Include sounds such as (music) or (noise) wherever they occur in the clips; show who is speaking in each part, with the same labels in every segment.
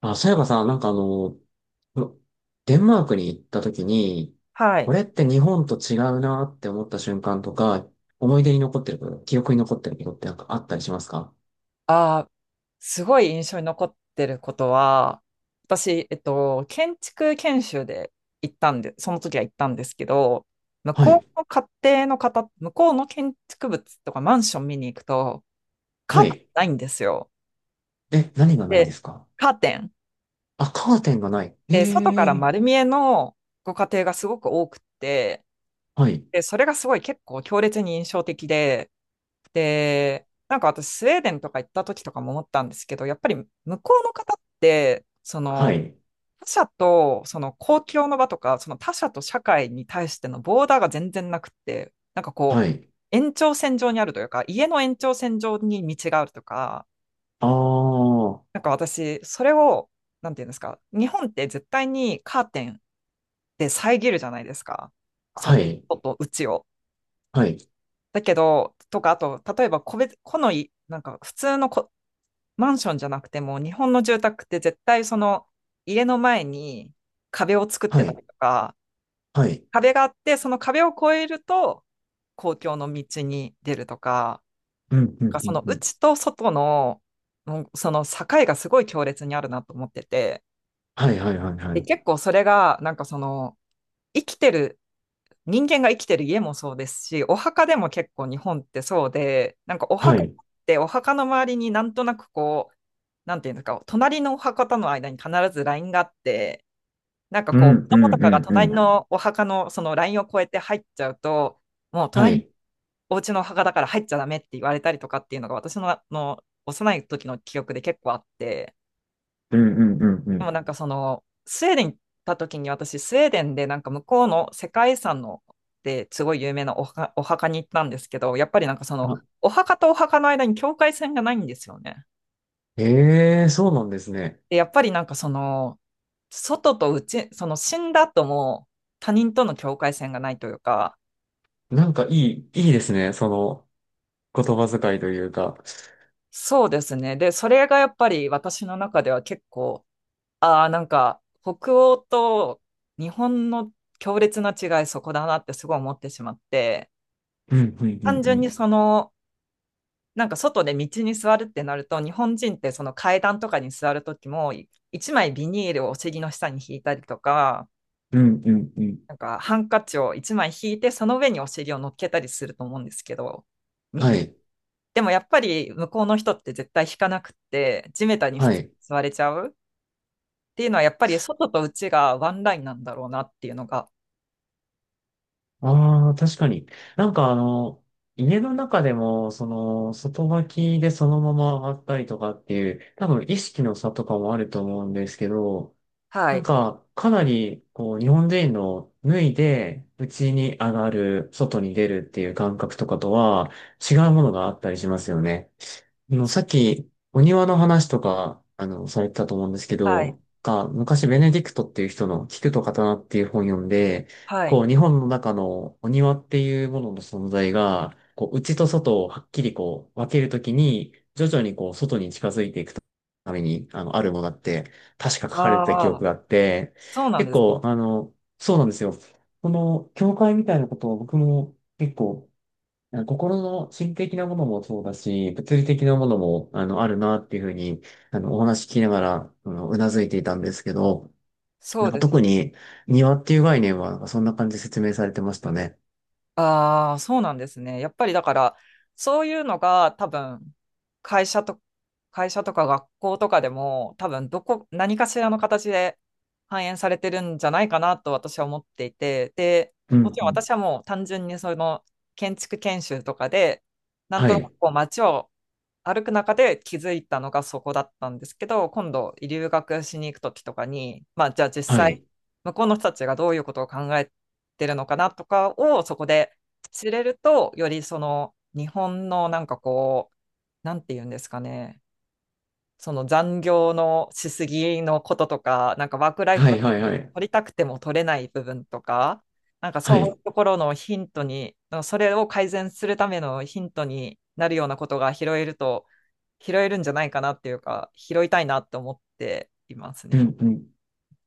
Speaker 1: あ、そういえばさ、なんかデンマークに行った時に、
Speaker 2: は
Speaker 1: こ
Speaker 2: い。
Speaker 1: れって日本と違うなって思った瞬間とか、思い出に残ってること、記憶に残ってることってなんかあったりしますか？
Speaker 2: あー、すごい印象に残ってることは、私、建築研修で行ったんで、その時は行ったんですけど、
Speaker 1: はい。
Speaker 2: 向こうの建築物とかマンション見に行くと、カ
Speaker 1: は
Speaker 2: ーテン
Speaker 1: い。
Speaker 2: ないんですよ。
Speaker 1: え、何がない
Speaker 2: で、
Speaker 1: ですか？
Speaker 2: カーテン。
Speaker 1: あ、カーテンがない。え
Speaker 2: で、外から
Speaker 1: え。
Speaker 2: 丸見えのご家庭がすごく多くって、
Speaker 1: はい。
Speaker 2: で、それがすごい結構強烈に印象的で、で、なんか私、スウェーデンとか行った時とかも思ったんですけど、やっぱり向こうの方って、そ
Speaker 1: は
Speaker 2: の、
Speaker 1: い。
Speaker 2: 他者と、その公共の場とか、その他者と社会に対してのボーダーが全然なくって、なんかこ
Speaker 1: は
Speaker 2: う、
Speaker 1: い。
Speaker 2: 延長線上にあるというか、家の延長線上に道があるとか、
Speaker 1: ああ。
Speaker 2: なんか私、それを、なんていうんですか、日本って絶対にカーテンで遮るじゃないですか。そ
Speaker 1: は
Speaker 2: の
Speaker 1: い。
Speaker 2: 外と内を。
Speaker 1: はい。
Speaker 2: だけど、とか、あと、例えば個別、個のい、なんか普通のマンションじゃなくても、日本の住宅って絶対その家の前に壁を作っ
Speaker 1: は
Speaker 2: てたり
Speaker 1: い。
Speaker 2: とか、
Speaker 1: はい。
Speaker 2: 壁があって、その壁を越えると公共の道に出るとか、
Speaker 1: うん、う
Speaker 2: な
Speaker 1: ん、
Speaker 2: んか
Speaker 1: う
Speaker 2: そ
Speaker 1: ん、
Speaker 2: の
Speaker 1: うん。
Speaker 2: 内と外の、もうその境がすごい強烈にあるなと思ってて、
Speaker 1: はい、はい、はい、は
Speaker 2: で、
Speaker 1: い。
Speaker 2: 結構それが、なんかその、生きてる人間が生きてる家もそうですし、お墓でも結構日本ってそうで、なんかお
Speaker 1: は
Speaker 2: 墓っ
Speaker 1: い。
Speaker 2: てお墓の周りになんとなくこう、なんていうんですか、隣のお墓との間に必ずラインがあって、なんか
Speaker 1: う
Speaker 2: こ
Speaker 1: ん、
Speaker 2: う、
Speaker 1: う
Speaker 2: 子供と
Speaker 1: ん、う
Speaker 2: かが
Speaker 1: ん、う
Speaker 2: 隣
Speaker 1: ん。
Speaker 2: のお墓のそのラインを越えて入っちゃうと、もう
Speaker 1: は
Speaker 2: 隣の
Speaker 1: い。
Speaker 2: お家のお墓だから入っちゃダメって言われたりとかっていうのが私の、あの幼い時の記憶で結構あって、
Speaker 1: うん、うん、うん、う
Speaker 2: で
Speaker 1: ん。
Speaker 2: もなんかその、スウェーデン行った時に私、スウェーデンでなんか向こうの世界遺産のですごい有名なお墓に行ったんですけど、やっぱりなんかその、
Speaker 1: あ
Speaker 2: お墓とお墓の間に境界線がないんですよね。
Speaker 1: ええ、そうなんですね。
Speaker 2: で、やっぱりなんかその、外と内、その死んだ後も他人との境界線がないというか、
Speaker 1: なんかいい、いいですね。その言葉遣いというか。
Speaker 2: そうですね。で、それがやっぱり私の中では結構、ああ、なんか北欧と日本の強烈な違いそこだなってすごい思ってしまって、
Speaker 1: うん、うん、うん、
Speaker 2: 単
Speaker 1: う
Speaker 2: 純に
Speaker 1: ん。
Speaker 2: その、なんか外で道に座るってなると、日本人ってその階段とかに座るときも、一枚ビニールをお尻の下に引いたりとか、
Speaker 1: うん、うん、うん。
Speaker 2: なんかハンカチを一枚引いて、その上にお尻を乗っけたりすると思うんですけど、み
Speaker 1: は
Speaker 2: ん
Speaker 1: い。
Speaker 2: でもやっぱり向こうの人って絶対引かなくって、地べたに普
Speaker 1: は
Speaker 2: 通
Speaker 1: い。
Speaker 2: に座れちゃうっていうのは、やっぱり外と内がワンラインなんだろうなっていうのが、
Speaker 1: ああ、確かに。なんか家の中でも、その、外履きでそのまま上がったりとかっていう、多分意識の差とかもあると思うんですけど、
Speaker 2: は
Speaker 1: なん
Speaker 2: い、
Speaker 1: か、かなり、こう、日本人の脱いで、家に上がる、外に出るっていう感覚とかとは、違うものがあったりしますよね。さっき、お庭の話とか、されてたと思うんですけ
Speaker 2: はい、
Speaker 1: ど、が、昔、ベネディクトっていう人の菊と刀っていう本読んで、
Speaker 2: はい。
Speaker 1: こう、日本の中のお庭っていうものの存在が、こう、内と外をはっきりこう、分けるときに、徐々にこう、外に近づいていくために、あるものだって、確か書かれてた記
Speaker 2: あ
Speaker 1: 憶
Speaker 2: あ、
Speaker 1: があって、
Speaker 2: そうなん
Speaker 1: 結
Speaker 2: ですね。
Speaker 1: 構、そうなんですよ。この、教会みたいなことを僕も結構、なんか心的なものもそうだし、物理的なものも、あるなっていうふうに、お話聞きながら、うなずいていたんですけど、
Speaker 2: そ
Speaker 1: なん
Speaker 2: う
Speaker 1: か
Speaker 2: です。
Speaker 1: 特に庭っていう概念は、なんかそんな感じで説明されてましたね。
Speaker 2: ああ、そうなんですね。やっぱりだから、そういうのが多分、会社と、会社とか学校とかでも、多分、何かしらの形で反映されてるんじゃないかなと私は思っていて、で、
Speaker 1: う
Speaker 2: も
Speaker 1: ん、
Speaker 2: ち
Speaker 1: う
Speaker 2: ろん
Speaker 1: ん。
Speaker 2: 私はもう単純にその建築研修とかで、なん
Speaker 1: は
Speaker 2: となく
Speaker 1: い。
Speaker 2: こう街を歩く中で気づいたのがそこだったんですけど、今度留学しに行く時とかに、まあじゃあ実
Speaker 1: は
Speaker 2: 際
Speaker 1: い。
Speaker 2: 向こうの人たちがどういうことを考えてるのかなとかをそこで知れると、よりその日本のなんかこう、なんて言うんですかね、その残業のしすぎのこととか、なんかワークライフ
Speaker 1: は
Speaker 2: バラン
Speaker 1: い、はい、
Speaker 2: ス
Speaker 1: はい。
Speaker 2: 取りたくても取れない部分とか、なんか
Speaker 1: は
Speaker 2: そういう
Speaker 1: い。
Speaker 2: ところのヒントに、それを改善するためのヒントになるようなことが拾えると、拾えるんじゃないかなっていうか、拾いたいなと思っています
Speaker 1: うん、
Speaker 2: ね。
Speaker 1: うん。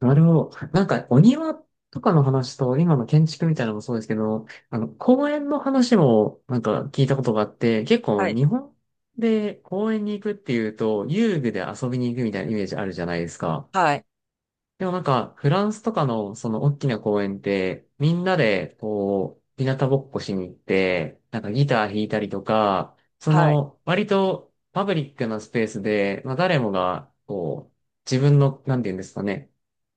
Speaker 1: なるほど。なんか、お庭とかの話と、今の建築みたいなのもそうですけど、公園の話も、なんか聞いたことがあって、結構
Speaker 2: はい。
Speaker 1: 日本で公園に行くっていうと、遊具で遊びに行くみたいなイメージあるじゃないですか。
Speaker 2: はい。
Speaker 1: でもなんか、フランスとかのその大きな公園って、みんなでこう、日向ぼっこしに行って、なんかギター弾いたりとか、そ
Speaker 2: はい。
Speaker 1: の、割とパブリックなスペースで、まあ誰もが、こう、自分の、なんて言うんですかね、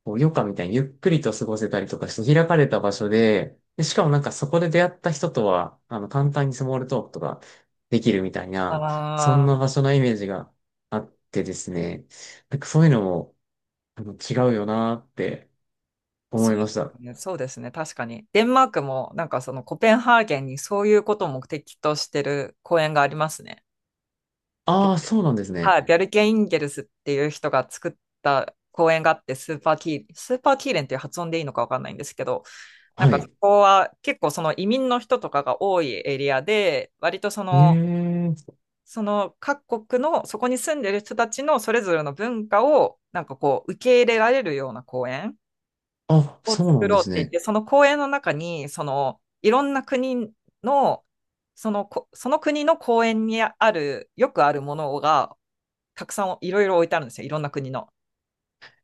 Speaker 1: こう、余暇みたいにゆっくりと過ごせたりとかして開かれた場所で、で、しかもなんかそこで出会った人とは、簡単にスモールトークとかできるみたいな、そん
Speaker 2: あ
Speaker 1: な
Speaker 2: あ、
Speaker 1: 場所のイメージがあってですね、なんかそういうのも、違うよなーって思
Speaker 2: そう
Speaker 1: い
Speaker 2: で
Speaker 1: ました。
Speaker 2: すね。そうですね。確かに。デンマークも、なんかそのコペンハーゲンにそういうことを目的としてる公園がありますね。
Speaker 1: ああ、そうなんです
Speaker 2: は
Speaker 1: ね。
Speaker 2: い、ビャルケ・インゲルスっていう人が作った公園があって、スーパーキーレンっていう発音でいいのかわかんないんですけど、なん
Speaker 1: は
Speaker 2: かそ
Speaker 1: い。
Speaker 2: こは結構その移民の人とかが多いエリアで、割と
Speaker 1: ええ。
Speaker 2: その各国の、そこに住んでる人たちのそれぞれの文化を、なんかこう、受け入れられるような公園
Speaker 1: あ、
Speaker 2: を
Speaker 1: そうな
Speaker 2: 作
Speaker 1: んで
Speaker 2: ろうっ
Speaker 1: す
Speaker 2: て言っ
Speaker 1: ね。
Speaker 2: て、その公園の中に、その、いろんな国の、そのこ、その国の公園にある、よくあるものがたくさんいろいろ置いてあるんですよ、いろんな国の。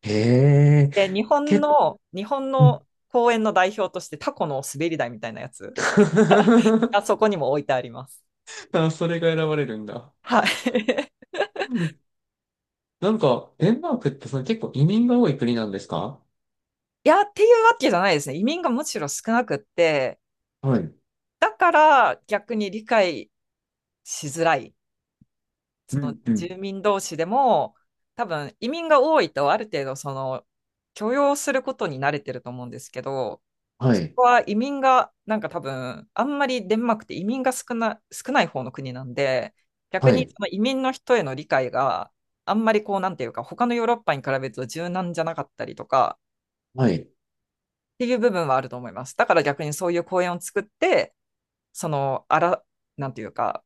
Speaker 1: へえ。
Speaker 2: で、
Speaker 1: け、
Speaker 2: 日本
Speaker 1: う
Speaker 2: の
Speaker 1: ん。
Speaker 2: 公園の代表としてタコの滑り台みたいなやつ (laughs) が
Speaker 1: (laughs)
Speaker 2: そこにも置いてあります。
Speaker 1: あ、それが選ばれるんだ。
Speaker 2: はい。(laughs)
Speaker 1: うん。なんか、デンマークってその結構移民が多い国なんですか？
Speaker 2: いや、っていうわけじゃないですね。移民がむしろ少なくって、
Speaker 1: はい。
Speaker 2: だから逆に理解しづらい。そ
Speaker 1: う
Speaker 2: の
Speaker 1: ん、うん。
Speaker 2: 住民同士でも、多分移民が多いとある程度その許容することに慣れてると思うんですけど、
Speaker 1: は
Speaker 2: そ
Speaker 1: い。
Speaker 2: こは移民が、なんか多分、あんまりデンマークって移民が少ない方の国なんで、逆
Speaker 1: は
Speaker 2: に
Speaker 1: い。
Speaker 2: その移民の人への理解があんまりこう、なんていうか、他のヨーロッパに比べると柔軟じゃなかったりとか
Speaker 1: はい。
Speaker 2: っていう部分はあると思います。だから逆にそういう公園を作って、その、あら、なんていうか、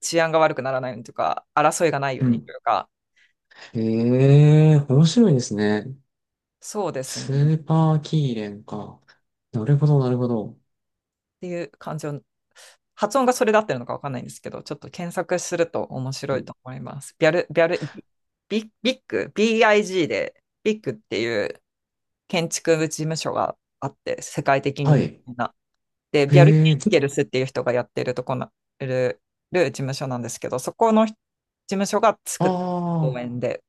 Speaker 2: 治安が悪くならないようにというか、争いがないよ
Speaker 1: う
Speaker 2: うにと
Speaker 1: ん。
Speaker 2: いうか、
Speaker 1: へえ、面白いですね。
Speaker 2: そうですね。
Speaker 1: スー
Speaker 2: っ
Speaker 1: パーキーレンか。なるほど、なるほど。
Speaker 2: ていう感じを発音がそれで合ってるのかわかんないんですけど、ちょっと検索すると面白いと思います。ビャル、ビャル、ビビビッグ、BIG で、ビッグっていう建築事務所があって、世界的
Speaker 1: は
Speaker 2: に有
Speaker 1: い。
Speaker 2: 名な。で、ビャル・
Speaker 1: へ
Speaker 2: キ
Speaker 1: え、
Speaker 2: ンゲルスっていう人がやってるとこなる、る事務所なんですけど、そこの事務所が
Speaker 1: あ
Speaker 2: 作った公
Speaker 1: あ。
Speaker 2: 園で、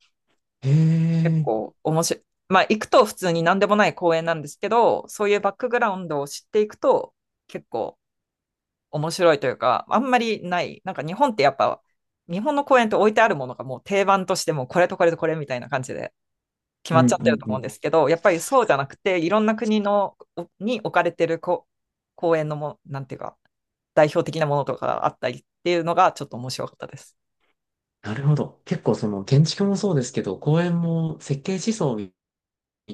Speaker 1: へ
Speaker 2: 結
Speaker 1: え、
Speaker 2: 構面白い。まあ、行くと普通に何でもない公園なんですけど、そういうバックグラウンドを知っていくと、結構面白いというか、あんまりない。日本の公園って置いてあるものがもう定番としてもうこれとこれとこれみたいな感じで決
Speaker 1: う
Speaker 2: ま
Speaker 1: ん
Speaker 2: っちゃっ
Speaker 1: うん
Speaker 2: てると
Speaker 1: う
Speaker 2: 思うん
Speaker 1: ん。
Speaker 2: ですけど、やっぱりそうじゃなくて、いろんな国の置かれてる公園のも、なんていうか、代表的なものとかがあったりっていうのがちょっと面白かったです。
Speaker 1: なるほど。結構その建築もそうですけど、公園も設計思想み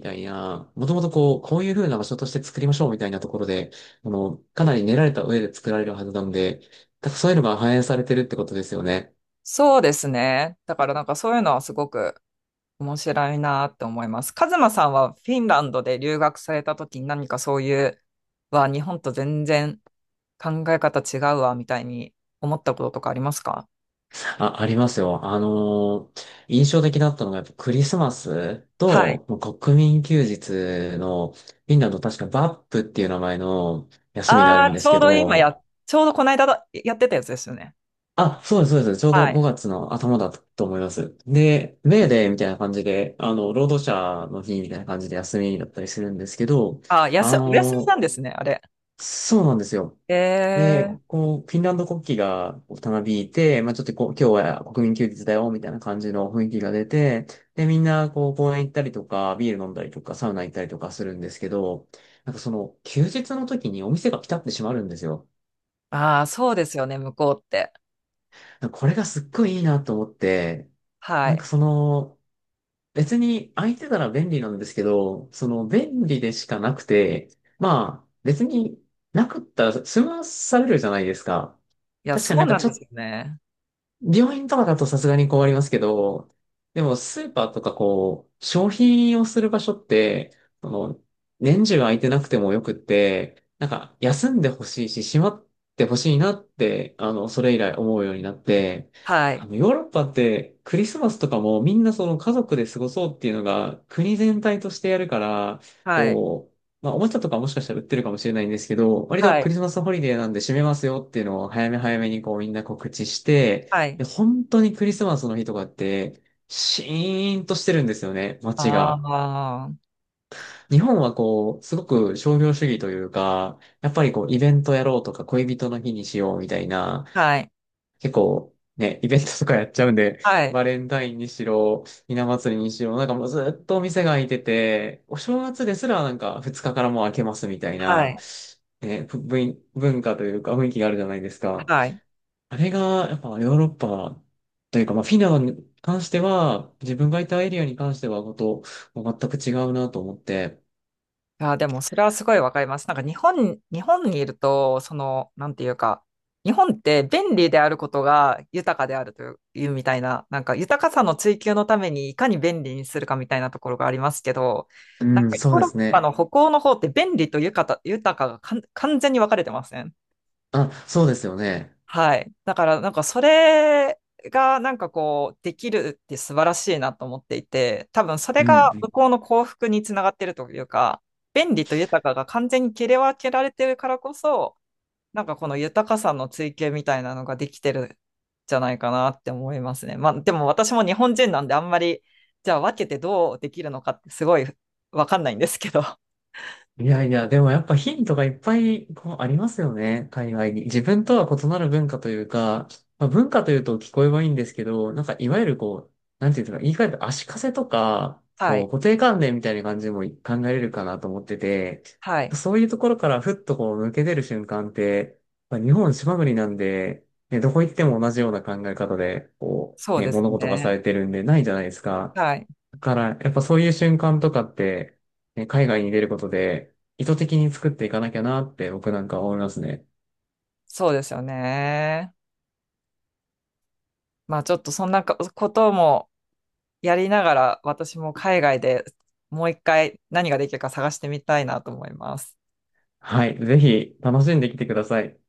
Speaker 1: たいな、もともとこう、こういう風な場所として作りましょうみたいなところで、かなり練られた上で作られるはずなんで、だからそういうのが反映されてるってことですよね。
Speaker 2: そうですね。だからなんかそういうのはすごく面白いなって思います。カズマさんはフィンランドで留学された時に何かそういう、日本と全然考え方違うわ、みたいに思ったこととかありますか？
Speaker 1: あ、ありますよ。印象的だったのがやっぱクリスマス
Speaker 2: はい。
Speaker 1: ともう国民休日の、フィンランド確かバップっていう名前の
Speaker 2: (laughs)
Speaker 1: 休みがあるん
Speaker 2: ああ、
Speaker 1: ですけど、
Speaker 2: ちょうどこの間だやってたやつですよね。
Speaker 1: あ、そうです、そうです。ちょう
Speaker 2: は
Speaker 1: ど
Speaker 2: い。
Speaker 1: 5月の頭だったと思います。で、メーデーみたいな感じで、労働者の日みたいな感じで休みだったりするんですけど、
Speaker 2: ああ、
Speaker 1: あ
Speaker 2: お休みな
Speaker 1: の、
Speaker 2: んですね、あれ。
Speaker 1: そうなんですよ。
Speaker 2: え
Speaker 1: で、
Speaker 2: え。
Speaker 1: こう、フィンランド国旗がたなびいて、まあちょっとこう、今日は国民休日だよ、みたいな感じの雰囲気が出て、で、みんな、こう、公園行ったりとか、ビール飲んだりとか、サウナ行ったりとかするんですけど、なんかその、休日の時にお店がピタって閉まるんですよ。
Speaker 2: ああ、そうですよね、向こうって。
Speaker 1: これがすっごいいいなと思って、
Speaker 2: は
Speaker 1: なん
Speaker 2: い。
Speaker 1: かその、別に空いてたら便利なんですけど、その便利でしかなくて、まあ別になかったら済まされるじゃないですか。
Speaker 2: いや、
Speaker 1: 確かに
Speaker 2: そ
Speaker 1: なん
Speaker 2: う
Speaker 1: か
Speaker 2: なん
Speaker 1: ちょ
Speaker 2: です
Speaker 1: っ
Speaker 2: よね。
Speaker 1: 病院とかだとさすがに困りますけど、でもスーパーとかこう、商品をする場所って、その、年中空いてなくてもよくって、なんか休んでほしいし、閉まってほしいなって、それ以来思うようになって、
Speaker 2: はい。
Speaker 1: ヨーロッパってクリスマスとかもみんなその家族で過ごそうっていうのが国全体としてやるから、
Speaker 2: はい。
Speaker 1: こう、まあ、おもちゃとかもしかしたら売ってるかもしれないんですけど、割と
Speaker 2: は
Speaker 1: ク
Speaker 2: い。
Speaker 1: リスマスホリデーなんで閉めますよっていうのを早め早めにこうみんな告知して、
Speaker 2: はい。
Speaker 1: で、本当にクリスマスの日とかって、シーンとしてるんですよね、街が。
Speaker 2: ああ、
Speaker 1: 日本はこう、すごく商業主義というか、やっぱりこう、イベントやろうとか、恋人の日にしようみたいな、
Speaker 2: はい。
Speaker 1: 結構、ね、イベントとかやっちゃうんで、
Speaker 2: はい。
Speaker 1: バレンタインにしろ、ひな祭りにしろ、なんかもうずっとお店が開いてて、お正月ですらなんか2日かからもう開けますみたい
Speaker 2: は
Speaker 1: な、
Speaker 2: い。
Speaker 1: ね、文化というか雰囲気があるじゃないですか。
Speaker 2: はい。
Speaker 1: あれが、やっぱヨーロッパというか、まあ、フィンランドに関しては、自分がいたエリアに関しては、こと、もう全く違うなと思って。
Speaker 2: あー、でもそれはすごいわかります。なんか日本にいると、その、なんていうか、日本って便利であることが豊かであるという、いうみたいな、なんか豊かさの追求のためにいかに便利にするかみたいなところがありますけど、
Speaker 1: う
Speaker 2: なんか
Speaker 1: ん、そ
Speaker 2: ヨ
Speaker 1: う
Speaker 2: ー
Speaker 1: で
Speaker 2: ロッ
Speaker 1: す
Speaker 2: パ
Speaker 1: ね。
Speaker 2: の北欧の方って便利と豊かが完全に分かれてません？
Speaker 1: あ、そうですよね。
Speaker 2: はい。だから、なんかそれが、なんかこう、できるって素晴らしいなと思っていて、多分それ
Speaker 1: うん、う
Speaker 2: が向
Speaker 1: ん。
Speaker 2: こうの幸福につながってるというか、便利と豊かが完全に切り分けられてるからこそ、なんかこの豊かさの追求みたいなのができてるんじゃないかなって思いますね。まあ、でも私も日本人なんであんまり、じゃあ分けてどうできるのかってすごいわかんないんですけど。(laughs)
Speaker 1: いやいや、でもやっぱヒントがいっぱいこうありますよね、海外に。自分とは異なる文化というか、まあ、文化というと聞こえはいいんですけど、なんかいわゆるこう、なんていうんですか、言い換えると足かせとか、
Speaker 2: は
Speaker 1: こ
Speaker 2: い。
Speaker 1: う固定観念みたいな感じも考えれるかなと思ってて、
Speaker 2: はい。
Speaker 1: そういうところからふっとこう抜け出る瞬間って、まあ、日本島国なんで、ね、どこ行っても同じような考え方で、こ
Speaker 2: そ
Speaker 1: う、
Speaker 2: う
Speaker 1: ね、
Speaker 2: です
Speaker 1: 物事がさ
Speaker 2: ね。
Speaker 1: れてるんでないじゃないですか。
Speaker 2: はい。
Speaker 1: だから、やっぱそういう瞬間とかって、ね、海外に出ることで、意図的に作っていかなきゃなって僕なんか思いますね。
Speaker 2: そうですよね。まあちょっとそんなかこともやりながら私も海外でもう一回何ができるか探してみたいなと思います。
Speaker 1: はい。ぜひ、楽しんできてください。